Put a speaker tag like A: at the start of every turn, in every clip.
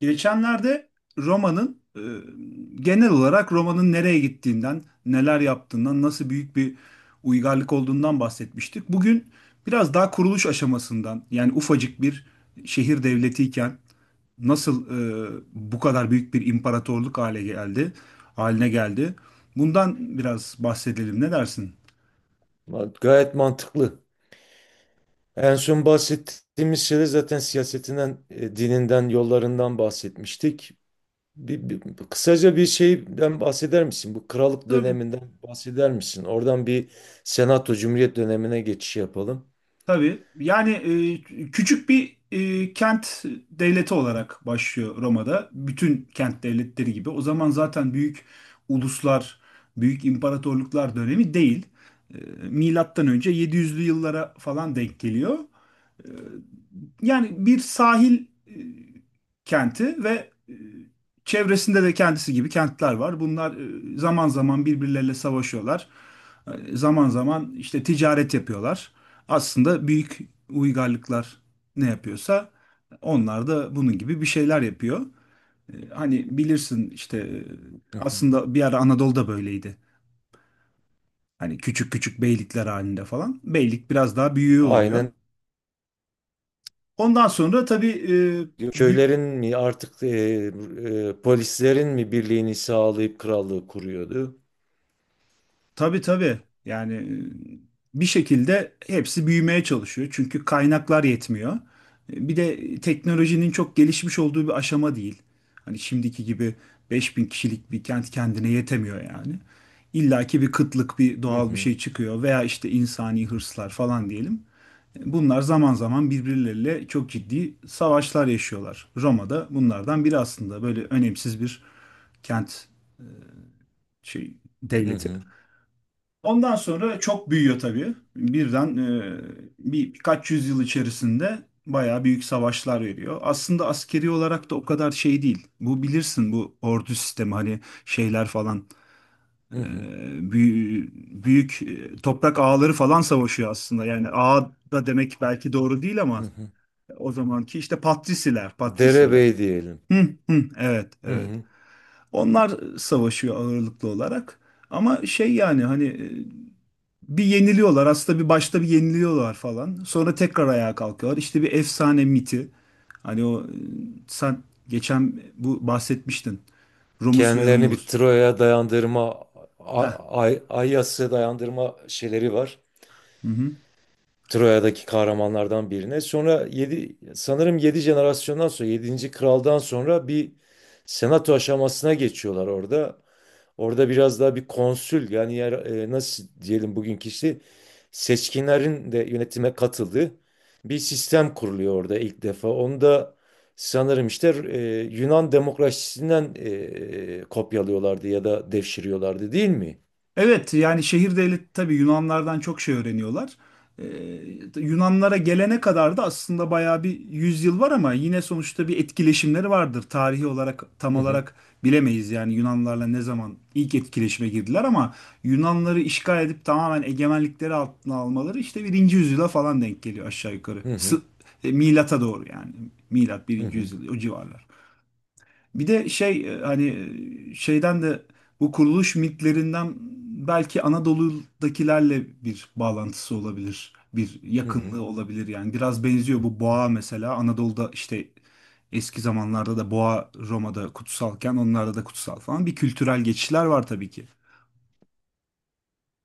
A: Geçenlerde Roma'nın e, genel olarak Roma'nın nereye gittiğinden, neler yaptığından, nasıl büyük bir uygarlık olduğundan bahsetmiştik. Bugün biraz daha kuruluş aşamasından, yani ufacık bir şehir devletiyken nasıl bu kadar büyük bir imparatorluk haline geldi. Bundan biraz bahsedelim. Ne dersin?
B: Gayet mantıklı. En son bahsettiğimiz şeyde zaten siyasetinden, dininden, yollarından bahsetmiştik. Bir, bir- Kısaca bir şeyden bahseder misin? Bu krallık
A: Tabii.
B: döneminden bahseder misin? Oradan bir senato cumhuriyet dönemine geçiş yapalım.
A: Tabii. Yani küçük bir kent devleti olarak başlıyor Roma'da. Bütün kent devletleri gibi. O zaman zaten büyük uluslar, büyük imparatorluklar dönemi değil. E, Milattan önce 700'lü yıllara falan denk geliyor. E, Yani bir sahil kenti ve çevresinde de kendisi gibi kentler var. Bunlar zaman zaman birbirleriyle savaşıyorlar. Zaman zaman işte ticaret yapıyorlar. Aslında büyük uygarlıklar ne yapıyorsa onlar da bunun gibi bir şeyler yapıyor. Hani bilirsin işte
B: Hı hı.
A: aslında bir ara Anadolu'da böyleydi. Hani küçük küçük beylikler halinde falan. Beylik biraz daha büyüğü oluyor.
B: Aynen.
A: Ondan sonra tabii bü-
B: Köylerin mi artık polislerin mi birliğini sağlayıp krallığı kuruyordu?
A: Tabii tabii. Yani bir şekilde hepsi büyümeye çalışıyor. Çünkü kaynaklar yetmiyor. Bir de teknolojinin çok gelişmiş olduğu bir aşama değil. Hani şimdiki gibi 5.000 kişilik bir kent kendine yetemiyor yani. İlla ki bir kıtlık, bir
B: Hı
A: doğal bir
B: hı.
A: şey çıkıyor veya işte insani hırslar falan diyelim. Bunlar zaman zaman birbirleriyle çok ciddi savaşlar yaşıyorlar. Roma'da bunlardan biri aslında böyle önemsiz bir kent şey
B: Hı
A: devleti.
B: hı.
A: Ondan sonra çok büyüyor tabii. Birden birkaç yüzyıl içerisinde bayağı büyük savaşlar veriyor. Aslında askeri olarak da o kadar şey değil. Bu bilirsin bu ordu sistemi hani şeyler falan e,
B: Hı hı,
A: büyü- büyük, toprak ağaları falan savaşıyor aslında. Yani ağa da demek belki doğru değil ama
B: hı hı.
A: o zamanki işte patrisiler, patrisiler.
B: Derebey diyelim.
A: Hı, hı, evet,
B: Hı
A: evet.
B: hı.
A: Onlar savaşıyor ağırlıklı olarak. Ama şey yani hani bir yeniliyorlar. Aslında bir başta bir yeniliyorlar falan. Sonra tekrar ayağa kalkıyorlar. İşte bir efsane miti. Hani o sen geçen bu bahsetmiştin. Romus ve
B: Kendilerini bir
A: Romulus.
B: Troya'ya dayandırma,
A: Heh.
B: Ayyas'a dayandırma şeyleri var.
A: Hı hı.
B: Troya'daki kahramanlardan birine. Sonra 7 sanırım 7 jenerasyondan sonra yedinci kraldan sonra bir senato aşamasına geçiyorlar orada. Orada biraz daha bir konsül yani yer, nasıl diyelim bugünkü işte seçkinlerin de yönetime katıldığı bir sistem kuruluyor orada ilk defa. Onu da sanırım işte Yunan demokrasisinden kopyalıyorlardı ya da devşiriyorlardı değil mi?
A: Evet yani şehir devleti tabii Yunanlardan çok şey öğreniyorlar. Ee, Yunanlara gelene kadar da aslında bayağı bir yüzyıl var ama yine sonuçta bir etkileşimleri vardır. Tarihi olarak tam
B: Hı hı,
A: olarak bilemeyiz yani Yunanlarla ne zaman ilk etkileşime girdiler, ama Yunanları işgal edip tamamen egemenlikleri altına almaları işte birinci yüzyıla falan denk geliyor aşağı yukarı.
B: hı hı,
A: Milata doğru yani. Milat
B: hı
A: birinci
B: hı.
A: yüzyıl, o civarlar. Bir de şey hani şeyden de bu kuruluş mitlerinden belki Anadolu'dakilerle bir bağlantısı olabilir. Bir
B: Hı hı.
A: yakınlığı olabilir yani. Biraz benziyor bu boğa mesela. Anadolu'da işte eski zamanlarda da boğa, Roma'da kutsalken onlarda da kutsal falan. Bir kültürel geçişler var tabii ki.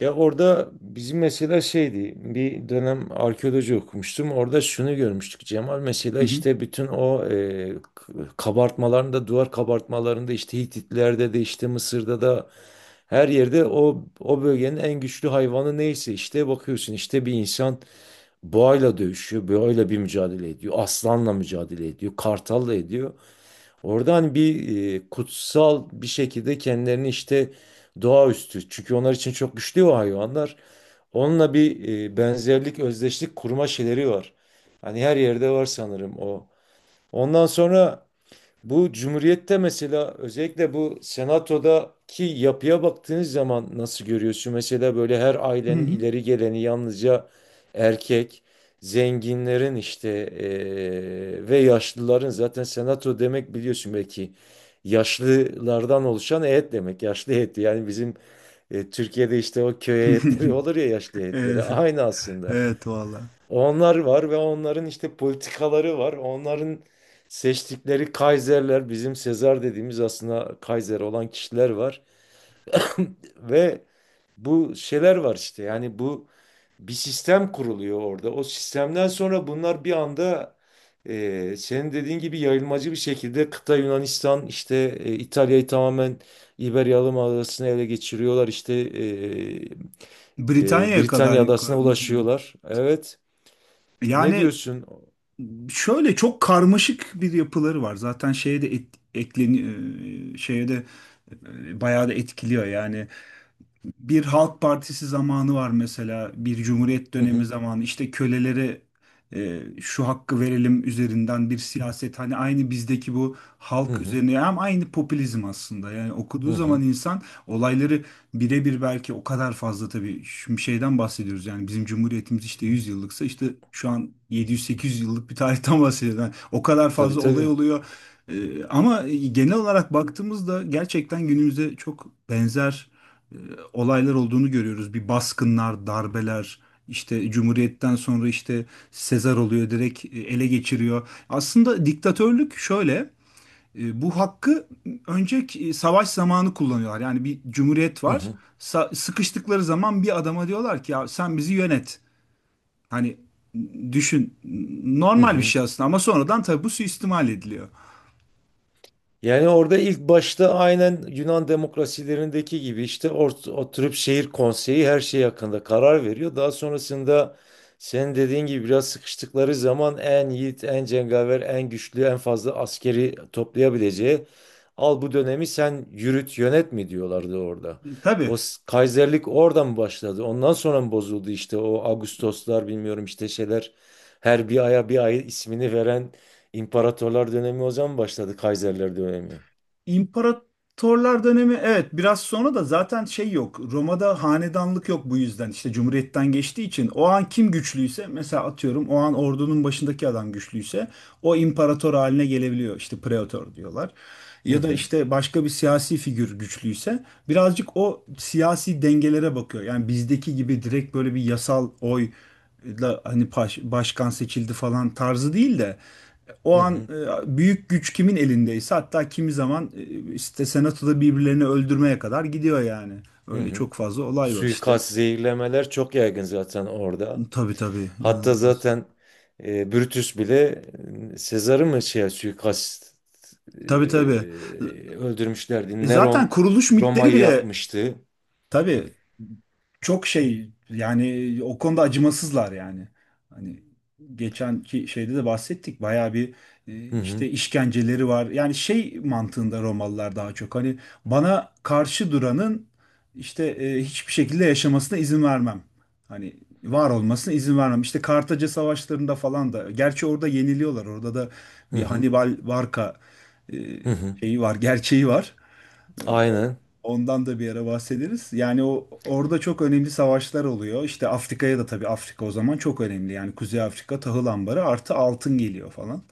B: Ya orada bizim mesela şeydi bir dönem arkeoloji okumuştum. Orada şunu görmüştük Cemal, mesela
A: Hı hı.
B: işte bütün o kabartmalarında, duvar kabartmalarında, işte Hititlerde de, işte Mısır'da da her yerde o o bölgenin en güçlü hayvanı neyse işte bakıyorsun işte bir insan boğayla dövüşüyor, boğayla bir mücadele ediyor, aslanla mücadele ediyor, kartalla ediyor. Oradan bir kutsal bir şekilde kendilerini işte doğaüstü. Çünkü onlar için çok güçlü o hayvanlar. Onunla bir benzerlik, özdeşlik kurma şeyleri var. Hani her yerde var sanırım o. Ondan sonra bu cumhuriyette mesela özellikle bu senatodaki yapıya baktığınız zaman nasıl görüyorsun? Mesela böyle her
A: Hı
B: ailenin
A: hı.
B: ileri geleni yalnızca erkek, zenginlerin işte ve yaşlıların, zaten senato demek biliyorsun belki yaşlılardan oluşan heyet demek. Yaşlı heyeti yani bizim Türkiye'de işte o köy heyetleri olur ya, yaşlı heyetleri
A: Evet,
B: aynı aslında.
A: evet valla.
B: Onlar var ve onların işte politikaları var. Onların seçtikleri Kaiserler, bizim Sezar dediğimiz aslında Kaiser olan kişiler var. Ve bu şeyler var işte. Yani bu bir sistem kuruluyor orada. O sistemden sonra bunlar bir anda senin dediğin gibi yayılmacı bir şekilde kıta Yunanistan, işte İtalya'yı tamamen İberya Adası'na ele geçiriyorlar. İşte
A: Britanya'ya kadar
B: Britanya Adası'na
A: yukarı.
B: ulaşıyorlar. Evet. Ne
A: Yani
B: diyorsun?
A: şöyle çok karmaşık bir yapıları var. Zaten şeye de ekleni şeye de bayağı da etkiliyor. Yani bir Halk Partisi zamanı var mesela, bir Cumhuriyet
B: Hı
A: dönemi
B: hı.
A: zamanı işte kölelere şu hakkı verelim üzerinden bir siyaset, hani aynı bizdeki bu
B: Hı
A: halk
B: hı.
A: üzerine, hem aynı popülizm aslında yani
B: Hı
A: okuduğu zaman
B: hı.
A: insan olayları birebir, belki o kadar fazla tabii, şimdi şeyden bahsediyoruz yani, bizim Cumhuriyetimiz işte 100 yıllıksa işte şu an 700-800 yıllık bir tarihten bahsediyoruz. Yani o kadar
B: Tabii
A: fazla olay
B: tabii.
A: oluyor. Ama genel olarak baktığımızda gerçekten günümüzde çok benzer e, olaylar olduğunu görüyoruz. Bir baskınlar, darbeler, işte Cumhuriyet'ten sonra işte Sezar oluyor, direkt ele geçiriyor. Aslında diktatörlük şöyle, bu hakkı önceki savaş zamanı kullanıyorlar. Yani bir cumhuriyet
B: Hı
A: var.
B: hı.
A: Sıkıştıkları zaman bir adama diyorlar ki ya sen bizi yönet. Hani düşün,
B: Hı
A: normal bir
B: hı.
A: şey aslında, ama sonradan tabii bu suistimal ediliyor.
B: Yani orada ilk başta aynen Yunan demokrasilerindeki gibi işte oturup şehir konseyi her şey hakkında karar veriyor. Daha sonrasında senin dediğin gibi biraz sıkıştıkları zaman en yiğit, en cengaver, en güçlü, en fazla askeri toplayabileceği al bu dönemi sen yürüt, yönet mi diyorlardı orada.
A: Tabii.
B: Kaiserlik oradan başladı? Ondan sonra mı bozuldu işte o Ağustoslar, bilmiyorum işte şeyler, her bir aya bir ay ismini veren İmparatorlar dönemi o zaman başladı, Kaiserler dönemi.
A: İmparatorlar dönemi, evet, biraz sonra da zaten şey yok. Roma'da hanedanlık yok, bu yüzden işte cumhuriyetten geçtiği için o an kim güçlüyse, mesela atıyorum o an ordunun başındaki adam güçlüyse o imparator haline gelebiliyor, işte pretor diyorlar.
B: Hı
A: Ya da
B: hı,
A: işte başka bir siyasi figür güçlüyse birazcık o siyasi dengelere bakıyor. Yani bizdeki gibi direkt böyle bir yasal oy da hani başkan seçildi falan tarzı değil de
B: hı
A: o an
B: hı,
A: büyük güç kimin elindeyse, hatta kimi zaman işte senatoda birbirlerini öldürmeye kadar gidiyor yani.
B: hı
A: Öyle
B: hı.
A: çok fazla olay var işte.
B: Suikast, zehirlemeler çok yaygın zaten orada.
A: Tabii tabii,
B: Hatta
A: inanılmaz.
B: zaten Brutus bile Sezar'ı mı şey suikast
A: Tabii tabii.
B: e, öldürmüşlerdi.
A: Zaten
B: Neron
A: kuruluş mitleri
B: Roma'yı
A: bile.
B: yakmıştı.
A: Tabii, çok şey yani, o konuda acımasızlar yani. Hani geçenki şeyde de bahsettik bayağı bir
B: Hı hı,
A: işte işkenceleri var. Yani şey mantığında Romalılar daha çok hani bana karşı duranın işte hiçbir şekilde yaşamasına izin vermem. Hani var olmasına izin vermem. İşte Kartaca savaşlarında falan da, gerçi orada yeniliyorlar. Orada da
B: hı
A: bir
B: hı,
A: Hannibal Barca e,
B: hı hı.
A: şeyi var, gerçeği var. Ee, o-
B: Aynen.
A: Ondan da bir ara bahsederiz. Yani o orada çok önemli savaşlar oluyor. İşte Afrika'ya da, tabii Afrika o zaman çok önemli. Yani Kuzey Afrika tahıl ambarı, artı altın geliyor falan.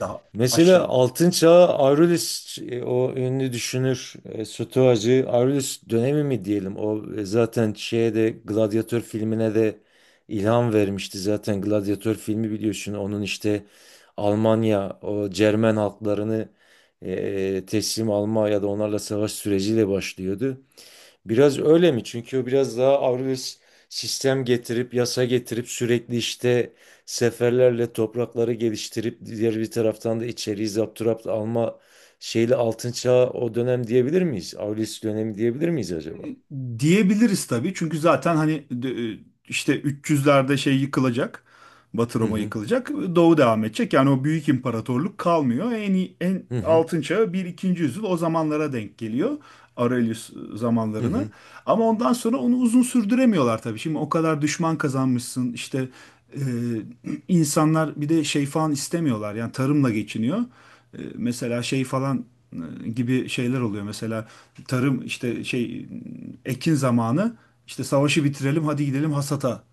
A: Daha
B: Mesela
A: aşağıda.
B: Altın Çağ Aurelius, o ünlü düşünür, Stoacı Aurelius dönemi mi diyelim o, zaten şeye de Gladyatör filmine de ilham vermişti, zaten Gladyatör filmi biliyorsun onun işte Almanya o Cermen halklarını teslim alma ya da onlarla savaş süreciyle başlıyordu. Biraz öyle mi? Çünkü o biraz daha Avrupa sistem getirip yasa getirip sürekli işte seferlerle toprakları geliştirip diğer bir taraftan da içeriği zapturapt alma şeyle altın çağı o dönem diyebilir miyiz? Avrupa dönemi diyebilir miyiz
A: E,
B: acaba?
A: Diyebiliriz tabii. Çünkü zaten hani e, işte 300'lerde şey yıkılacak. Batı
B: Hı
A: Roma
B: hı,
A: yıkılacak. Doğu devam edecek. Yani o büyük imparatorluk kalmıyor. En
B: hı hı,
A: altın çağı bir ikinci yüzyıl, o zamanlara denk geliyor. Aurelius
B: hı
A: zamanlarına.
B: hı.
A: Ama ondan sonra onu uzun sürdüremiyorlar tabii. Şimdi o kadar düşman kazanmışsın. İşte e, insanlar bir de şey falan istemiyorlar. Yani tarımla geçiniyor. Mesela şey falan gibi şeyler oluyor. Mesela tarım işte şey ekin zamanı, işte savaşı bitirelim hadi gidelim hasata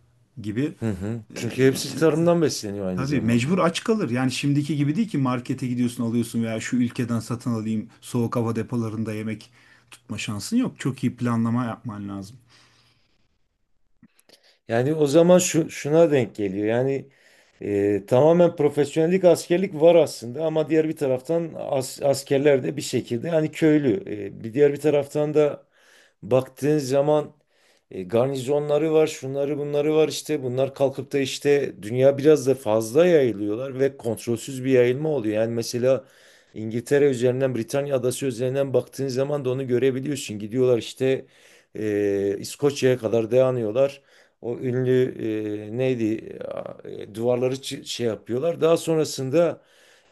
A: gibi.
B: Hı hı. Çünkü hepsi tarımdan besleniyor aynı
A: Tabii mecbur
B: zamanda.
A: aç kalır. Yani şimdiki gibi değil ki, markete gidiyorsun alıyorsun veya şu ülkeden satın alayım, soğuk hava depolarında yemek tutma şansın yok. Çok iyi planlama yapman lazım.
B: Yani o zaman şu, şuna denk geliyor. Yani tamamen profesyonellik, askerlik var aslında ama diğer bir taraftan askerler de bir şekilde hani köylü. E, bir diğer bir taraftan da baktığın zaman garnizonları var, şunları bunları var işte. Bunlar kalkıp da işte dünya biraz da fazla yayılıyorlar ve kontrolsüz bir yayılma oluyor. Yani mesela İngiltere üzerinden, Britanya adası üzerinden baktığın zaman da onu görebiliyorsun. Gidiyorlar işte İskoçya'ya kadar dayanıyorlar. O ünlü neydi, duvarları şey yapıyorlar. Daha sonrasında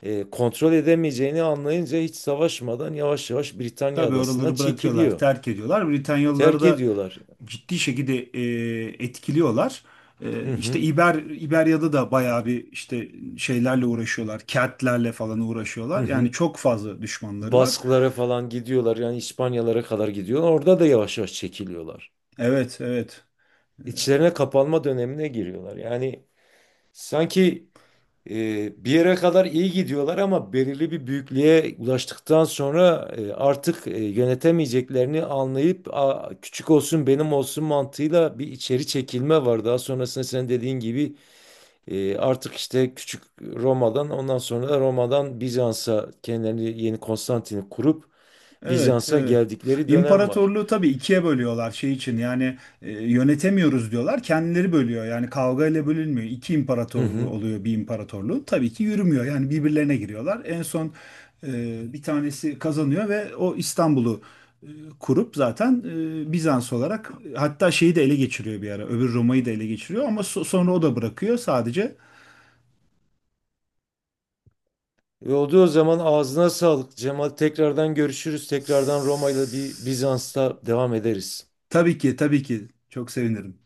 B: kontrol edemeyeceğini anlayınca hiç savaşmadan yavaş yavaş Britanya
A: Tabii
B: adasından
A: oraları bırakıyorlar,
B: çekiliyor.
A: terk ediyorlar. Britanyalıları
B: Terk
A: da
B: ediyorlar.
A: ciddi şekilde etkiliyorlar.
B: Hı
A: İşte
B: hı.
A: İberya'da da bayağı bir işte şeylerle uğraşıyorlar. Keltlerle falan
B: Hı
A: uğraşıyorlar. Yani
B: hı.
A: çok fazla düşmanları var.
B: Basklara falan gidiyorlar, yani İspanyalara kadar gidiyorlar. Orada da yavaş yavaş çekiliyorlar.
A: Evet, evet.
B: İçlerine kapanma dönemine giriyorlar. Yani sanki bir yere kadar iyi gidiyorlar ama belirli bir büyüklüğe ulaştıktan sonra artık yönetemeyeceklerini anlayıp "Aa, küçük olsun benim olsun" mantığıyla bir içeri çekilme var. Daha sonrasında sen dediğin gibi, artık işte küçük Roma'dan, ondan sonra da Roma'dan Bizans'a kendilerini yeni Konstantin'i kurup
A: Evet,
B: Bizans'a
A: evet.
B: geldikleri dönem var.
A: İmparatorluğu tabii ikiye bölüyorlar şey için, yani yönetemiyoruz diyorlar, kendileri bölüyor yani, kavga ile bölünmüyor, iki
B: Hı
A: imparatorluğu
B: hı.
A: oluyor, bir imparatorluğu tabii ki yürümüyor yani, birbirlerine giriyorlar, en son bir tanesi kazanıyor ve o İstanbul'u e, kurup zaten Bizans olarak, hatta şeyi de ele geçiriyor bir ara, öbür Roma'yı da ele geçiriyor ama sonra o da bırakıyor, sadece.
B: E, oldu o zaman, ağzına sağlık Cemal. Tekrardan görüşürüz. Tekrardan Roma'yla bir
A: S-
B: Bizans'ta devam ederiz.
A: tabii ki tabii ki, çok sevinirim.